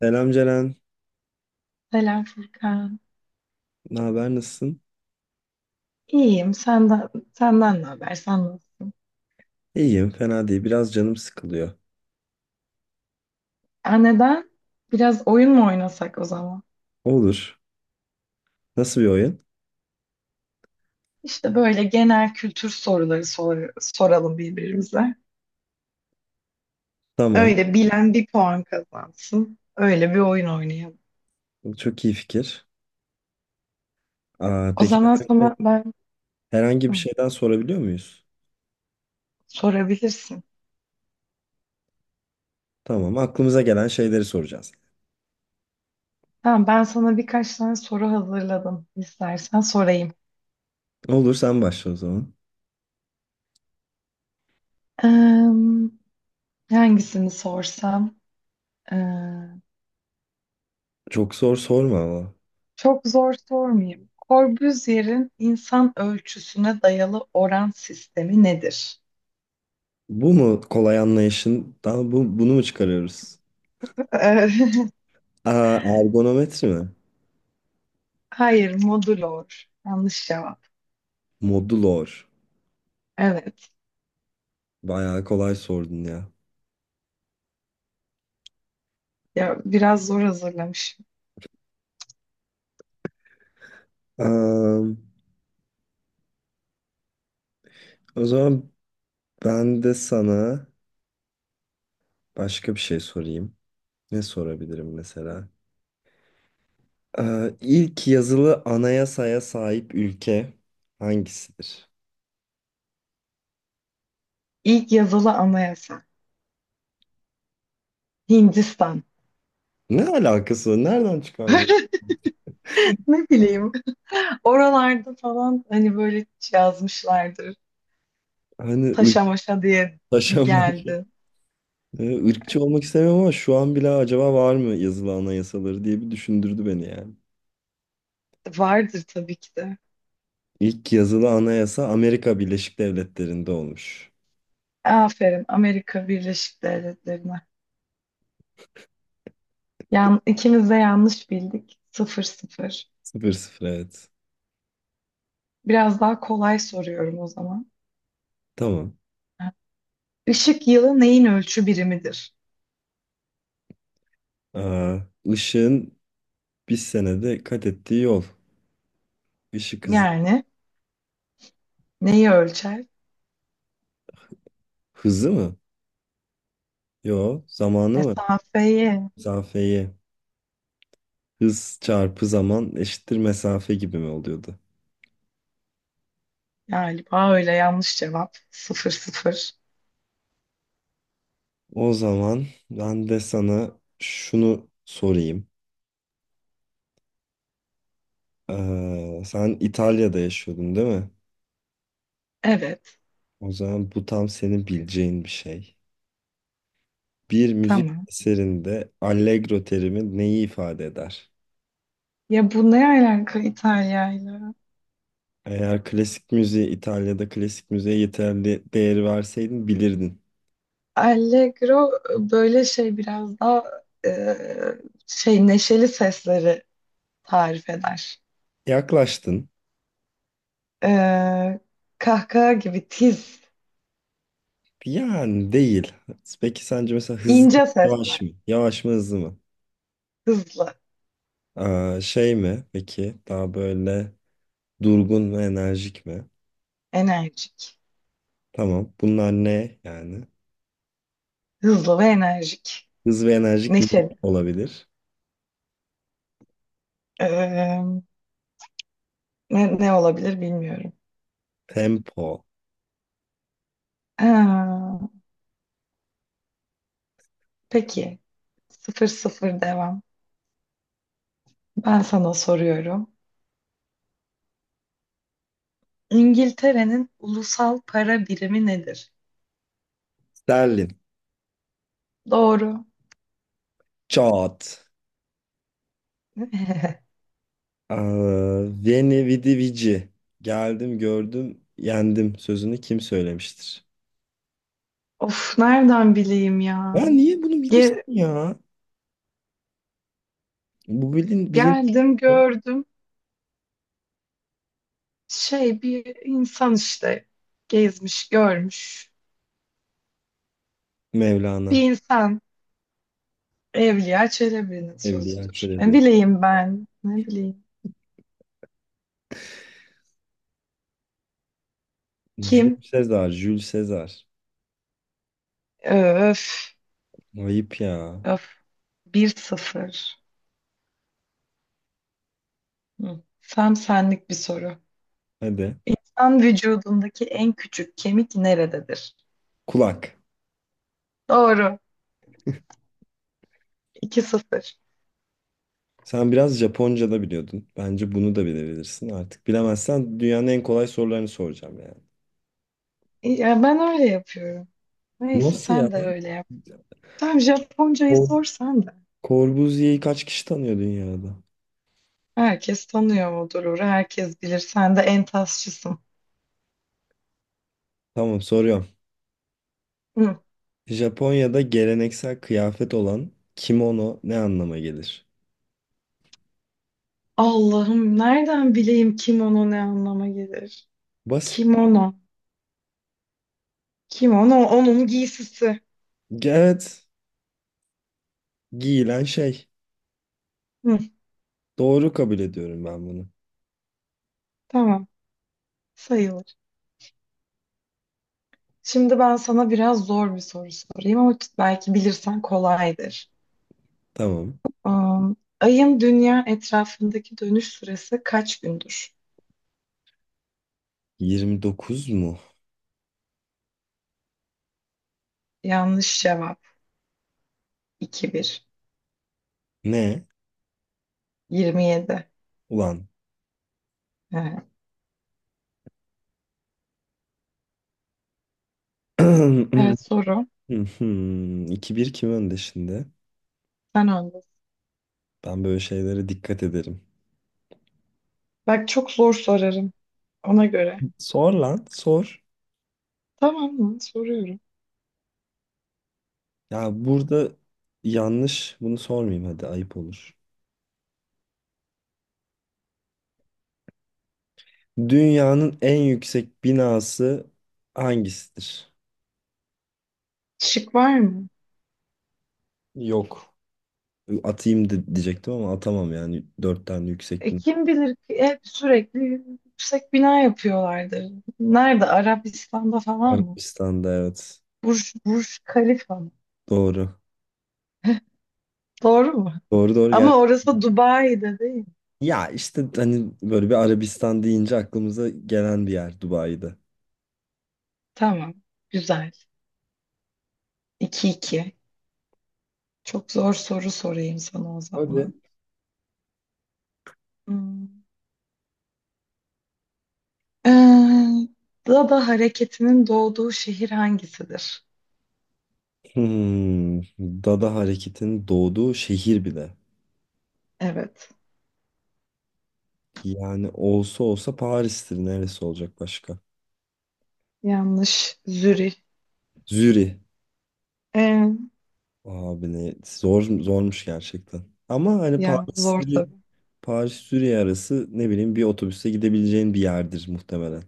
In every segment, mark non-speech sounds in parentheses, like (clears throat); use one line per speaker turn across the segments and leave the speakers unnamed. Selam Ceren.
Selam Furkan.
Ne haber? Nasılsın?
İyiyim. Senden ne haber? Sen nasılsın?
İyiyim. Fena değil. Biraz canım sıkılıyor.
Aa, neden? Biraz oyun mu oynasak o zaman?
Olur. Nasıl bir oyun?
İşte böyle genel kültür soruları soralım birbirimize.
Tamam.
Öyle bilen bir puan kazansın. Öyle bir oyun oynayalım.
Çok iyi fikir. Aa,
O
peki
zaman
herhangi
sana ben
herhangi bir
Hı,
şeyden sorabiliyor muyuz?
sorabilirsin.
Tamam. Aklımıza gelen şeyleri soracağız.
Tamam, ben sana birkaç tane soru hazırladım. İstersen sorayım.
Olur. Sen başla o zaman.
Eee, hangisini sorsam?
Çok zor sorma ama.
Çok zor sormayayım. Corbusier'in insan ölçüsüne dayalı oran sistemi nedir?
Bu mu kolay anlayışından bunu mu çıkarıyoruz?
Ee,
Aa, ergonometri mi?
(laughs) Hayır, modulor. Yanlış cevap.
Modulor.
Evet.
Bayağı kolay sordun ya.
Ya biraz zor hazırlamışım.
Aa, o zaman ben de sana başka bir şey sorayım. Ne sorabilirim mesela? İlk yazılı anayasaya sahip ülke hangisidir?
İlk yazılı anayasa. Hindistan.
Ne alakası var? Nereden çıkardı?
(laughs) Ne bileyim. Oralarda falan hani böyle yazmışlardır.
Hani
Taşa maşa diye bir
ırklaşanmak.
geldi.
Irkçı (laughs) olmak istemiyorum ama şu an bile acaba var mı yazılı anayasaları diye bir düşündürdü beni yani.
Vardır tabii ki de.
İlk yazılı anayasa Amerika Birleşik Devletleri'nde olmuş.
Aferin Amerika Birleşik Devletleri'ne. Yan, ikimiz de yanlış bildik. 0-0.
Sıfır sıfır, evet.
Biraz daha kolay soruyorum o zaman.
Tamam.
Işık yılı neyin ölçü birimidir?
Aa, ışığın bir senede kat ettiği yol. Işık hızı.
Yani neyi ölçer?
Hızı mı? Yo, zamanı mı?
Mesafeyi.
Mesafeyi. Hız çarpı zaman eşittir mesafe gibi mi oluyordu?
Galiba öyle yanlış cevap. 0-0.
O zaman ben de sana şunu sorayım. Sen İtalya'da yaşıyordun değil mi?
Evet.
O zaman bu tam senin bileceğin bir şey. Bir müzik
Tamam.
eserinde allegro terimi neyi ifade eder?
Ya bu ne alaka İtalya'yla?
Eğer klasik müziğe, İtalya'da klasik müziğe yeterli değeri verseydin bilirdin.
Allegro böyle şey biraz daha e, şey neşeli sesleri tarif eder.
Yaklaştın.
E, kahkaha gibi tiz,
Yani değil. Peki sence mesela hızlı mı,
ince
yavaş
sesler.
mı? Yavaş mı, hızlı mı?
Hızlı,
Aa, şey mi peki? Daha böyle durgun ve enerjik mi?
enerjik.
Tamam. Bunlar ne yani?
Hızlı ve enerjik.
Hız ve enerjik ne
Neşeli.
olabilir?
Ee, ne olabilir bilmiyorum.
Tempo.
Ha, peki. 0-0 devam. Ben sana soruyorum. İngiltere'nin ulusal para birimi nedir?
Sterlin.
Doğru.
Çat.
(laughs)
Aa, Veni vidi vici. Geldim gördüm yendim sözünü kim söylemiştir?
Of nereden bileyim
Ya
ya?
niye bunu bilirsin
Ge-
ya? Bu bilin bilin
geldim gördüm. Şey bir insan işte gezmiş görmüş.
Mevlana.
Bir insan Evliya Çelebi'nin
Evliya
sözüdür. Ne
Çelebi.
bileyim ben. Ne bileyim.
Jules
Kim?
Sezar. Jules Sezar.
Öf.
Ayıp ya.
Öf. 1-0. Hı. Tam senlik bir soru.
Hadi.
İnsan vücudundaki en küçük kemik nerededir?
Kulak.
Doğru. 2 sıfır.
Sen biraz Japonca da biliyordun. Bence bunu da bilebilirsin artık. Bilemezsen dünyanın en kolay sorularını soracağım yani.
Ya ben öyle yapıyorum. Neyse
Nasıl ya?
sen de öyle yap. Tam Japoncayı
Cor
sorsan da.
Corbusier'i kaç kişi tanıyor dünyada?
Herkes tanıyor Odurur'u. Herkes bilir. Sen de en
Tamam, soruyorum.
Hı.
Japonya'da geleneksel kıyafet olan kimono ne anlama gelir?
Allah'ım nereden bileyim kimono ne anlama gelir?
Basit.
Kimono. Kimono onun giysisi.
Evet. Giyilen şey.
Hı,
Doğru kabul ediyorum ben bunu.
tamam sayılır. Şimdi ben sana biraz zor bir soru sorayım ama belki bilirsen kolaydır.
Tamam.
Ayın dünya etrafındaki dönüş süresi kaç gündür?
29 mu?
Yanlış cevap. 2-1.
Ne?
27.
Ulan.
Evet,
(clears throat)
evet soru.
2-1 kim önde şimdi?
Sen öndesin.
Ben böyle şeylere dikkat ederim.
Bak çok zor sorarım ona göre.
Sor lan, sor.
Tamam mı? Soruyorum.
Ya burada yanlış, bunu sormayayım, hadi ayıp olur. Dünyanın en yüksek binası hangisidir?
Şık var mı?
Yok. Atayım de diyecektim ama atamam yani. Dört tane yüksek
E,
bina.
kim bilir ki hep sürekli yüksek bina yapıyorlardır. Nerede? Arabistan'da falan mı?
Arabistan'da, evet.
Burj Khalifa mı?
Doğru.
Doğru mu?
Doğru gel.
Ama orası Dubai'de değil mi?
Ya işte hani böyle bir Arabistan deyince aklımıza gelen bir yer Dubai'de.
Tamam. Güzel. 2 iki. Çok zor soru sorayım sana o
Öyle.
zaman. Hmm. Ee, Dada hareketinin doğduğu şehir hangisidir?
Hmm, Dada hareketin doğduğu şehir bile.
Evet.
Yani olsa olsa Paris'tir. Neresi olacak başka?
Yanlış. Zürih.
Zürih.
Ee,
Abi ne zor zormuş gerçekten. Ama hani
ya zor tabii.
Paris Zürih arası ne bileyim bir otobüse gidebileceğin bir yerdir muhtemelen.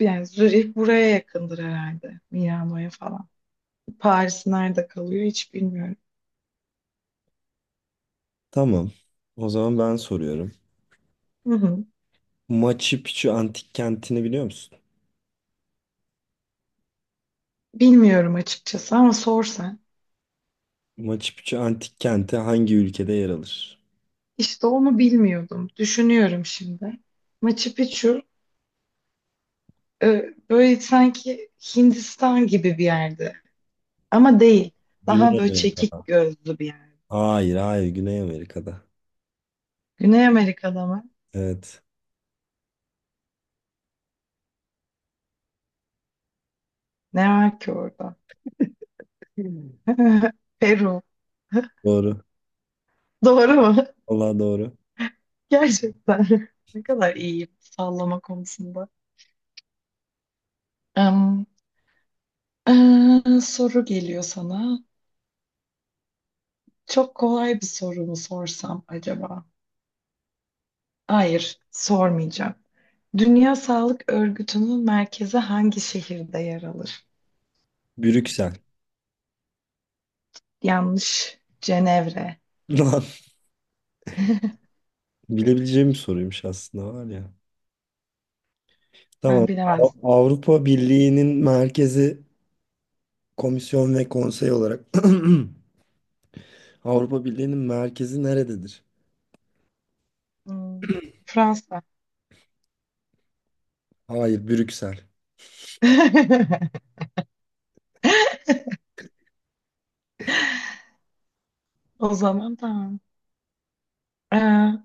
Yani Zürih buraya yakındır herhalde. Milano'ya falan. Paris nerede kalıyor hiç bilmiyorum.
Tamam. O zaman ben soruyorum.
Hı hı.
Machu Picchu antik kentini biliyor musun?
Bilmiyorum açıkçası ama sor sen.
Machu Picchu antik kenti hangi ülkede yer alır?
İşte onu bilmiyordum. Düşünüyorum şimdi. Machu Picchu böyle sanki Hindistan gibi bir yerde. Ama değil. Daha
Güney
böyle
Amerika'da.
çekik gözlü bir yer.
Hayır, hayır, Güney Amerika'da.
Güney Amerika'da mı?
Evet.
Ne var ki orada?
Hmm.
(laughs) Peru. (laughs)
Doğru.
Doğru mu?
Vallahi doğru.
Gerçekten. (laughs) Ne kadar iyiyim sallama konusunda. Em, soru geliyor sana. Çok kolay bir soru mu sorsam acaba? Hayır, sormayacağım. Dünya Sağlık Örgütü'nün merkezi hangi şehirde yer alır?
Brüksel.
Yanlış. Cenevre.
(laughs) Lan, bilebileceğim bir soruymuş aslında var ya. Tamam.
Ben bilemezdim.
Avrupa Birliği'nin merkezi komisyon ve konsey olarak (clears throat) Avrupa Birliği'nin merkezi nerededir?
Hmm, Fransa.
Hayır, Brüksel.
(laughs) O zaman tamam. Ee,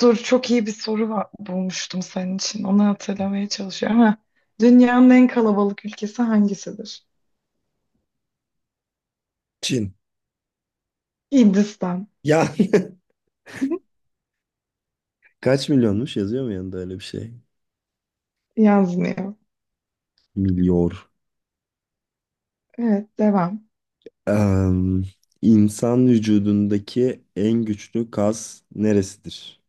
dur çok iyi bir soru var, bulmuştum senin için. Onu hatırlamaya çalışıyorum. Ha, dünyanın en kalabalık ülkesi hangisidir?
Çin.
Hindistan.
Ya (laughs) kaç milyonmuş, yazıyor mu yanında öyle bir şey?
Yazmıyor.
Milyor.
Evet devam.
Em, insan vücudundaki en güçlü kas neresidir?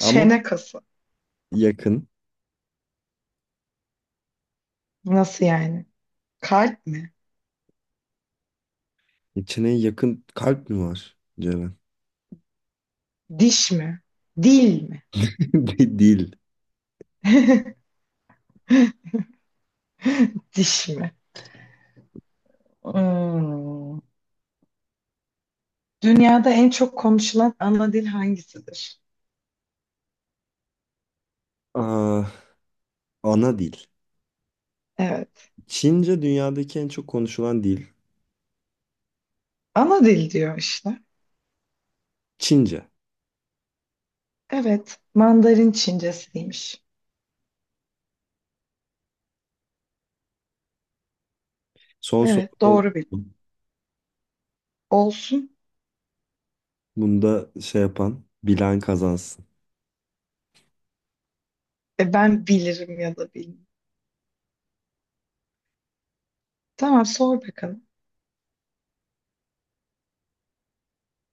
Ama
kası.
yakın.
Nasıl yani? Kalp mi?
İçine yakın kalp mi var? Cevap.
Diş mi? Dil mi?
Değil.
(laughs) Diş mi? Hmm. Dünyada en çok konuşulan ana dil hangisidir?
(laughs) Aa, ana dil.
Evet.
Çince dünyadaki en çok konuşulan dil.
Ana dil diyor işte.
Çince.
Evet. Mandarin Çincesiymiş.
Son soru
Evet.
oldu.
Doğru bilin. Olsun.
Bunda şey yapan bilen kazansın.
Ben bilirim ya da bilmem. Tamam sor bakalım.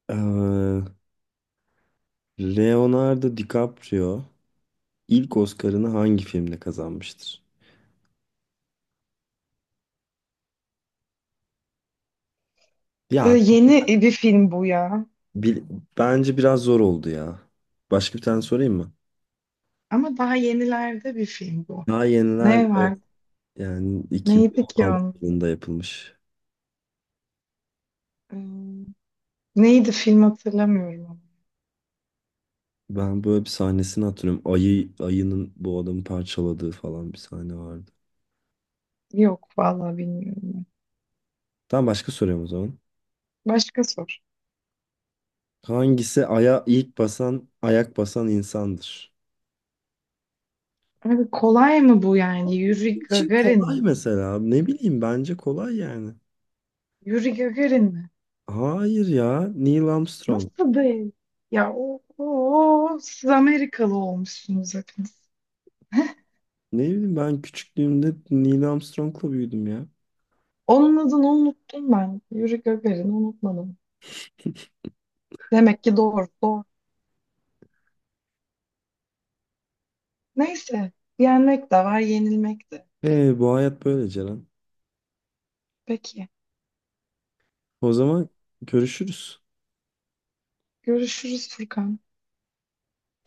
Ee, Leonardo DiCaprio ilk Oscar'ını hangi filmle kazanmıştır?
E,
Ya
yeni bir film bu ya.
bil- bence biraz zor oldu ya. Başka bir tane sorayım mı?
Ama daha yenilerde bir film bu.
Daha
Ne
yenilerde
var?
yani
Neydi ki
2016
onun?
yılında yapılmış.
E, neydi film hatırlamıyorum ama.
Ben böyle bir sahnesini hatırlıyorum. Ayının bu adamı parçaladığı falan bir sahne vardı.
Yok vallahi bilmiyorum.
Tamam, başka soruyorum o zaman.
Başka sor.
Hangisi aya ilk basan, ayak basan insandır?
Abi kolay mı bu yani? Yuri
Benim için
Gagarin
kolay
mi?
mesela. Ne bileyim, bence kolay yani.
Yuri Gagarin mi?
Hayır ya, Neil Armstrong.
Nasıl değil? Ya siz Amerikalı olmuşsunuz hepiniz.
Ne bileyim, ben küçüklüğümde Neil Armstrong'la büyüdüm ya.
Onun adını unuttum ben. Yuri Gagarin unutmadım. Demek ki doğru, doğru. Neyse. Yenmek de var, yenilmek de.
E bu hayat böyle Ceren.
Peki.
O zaman görüşürüz.
Görüşürüz Furkan.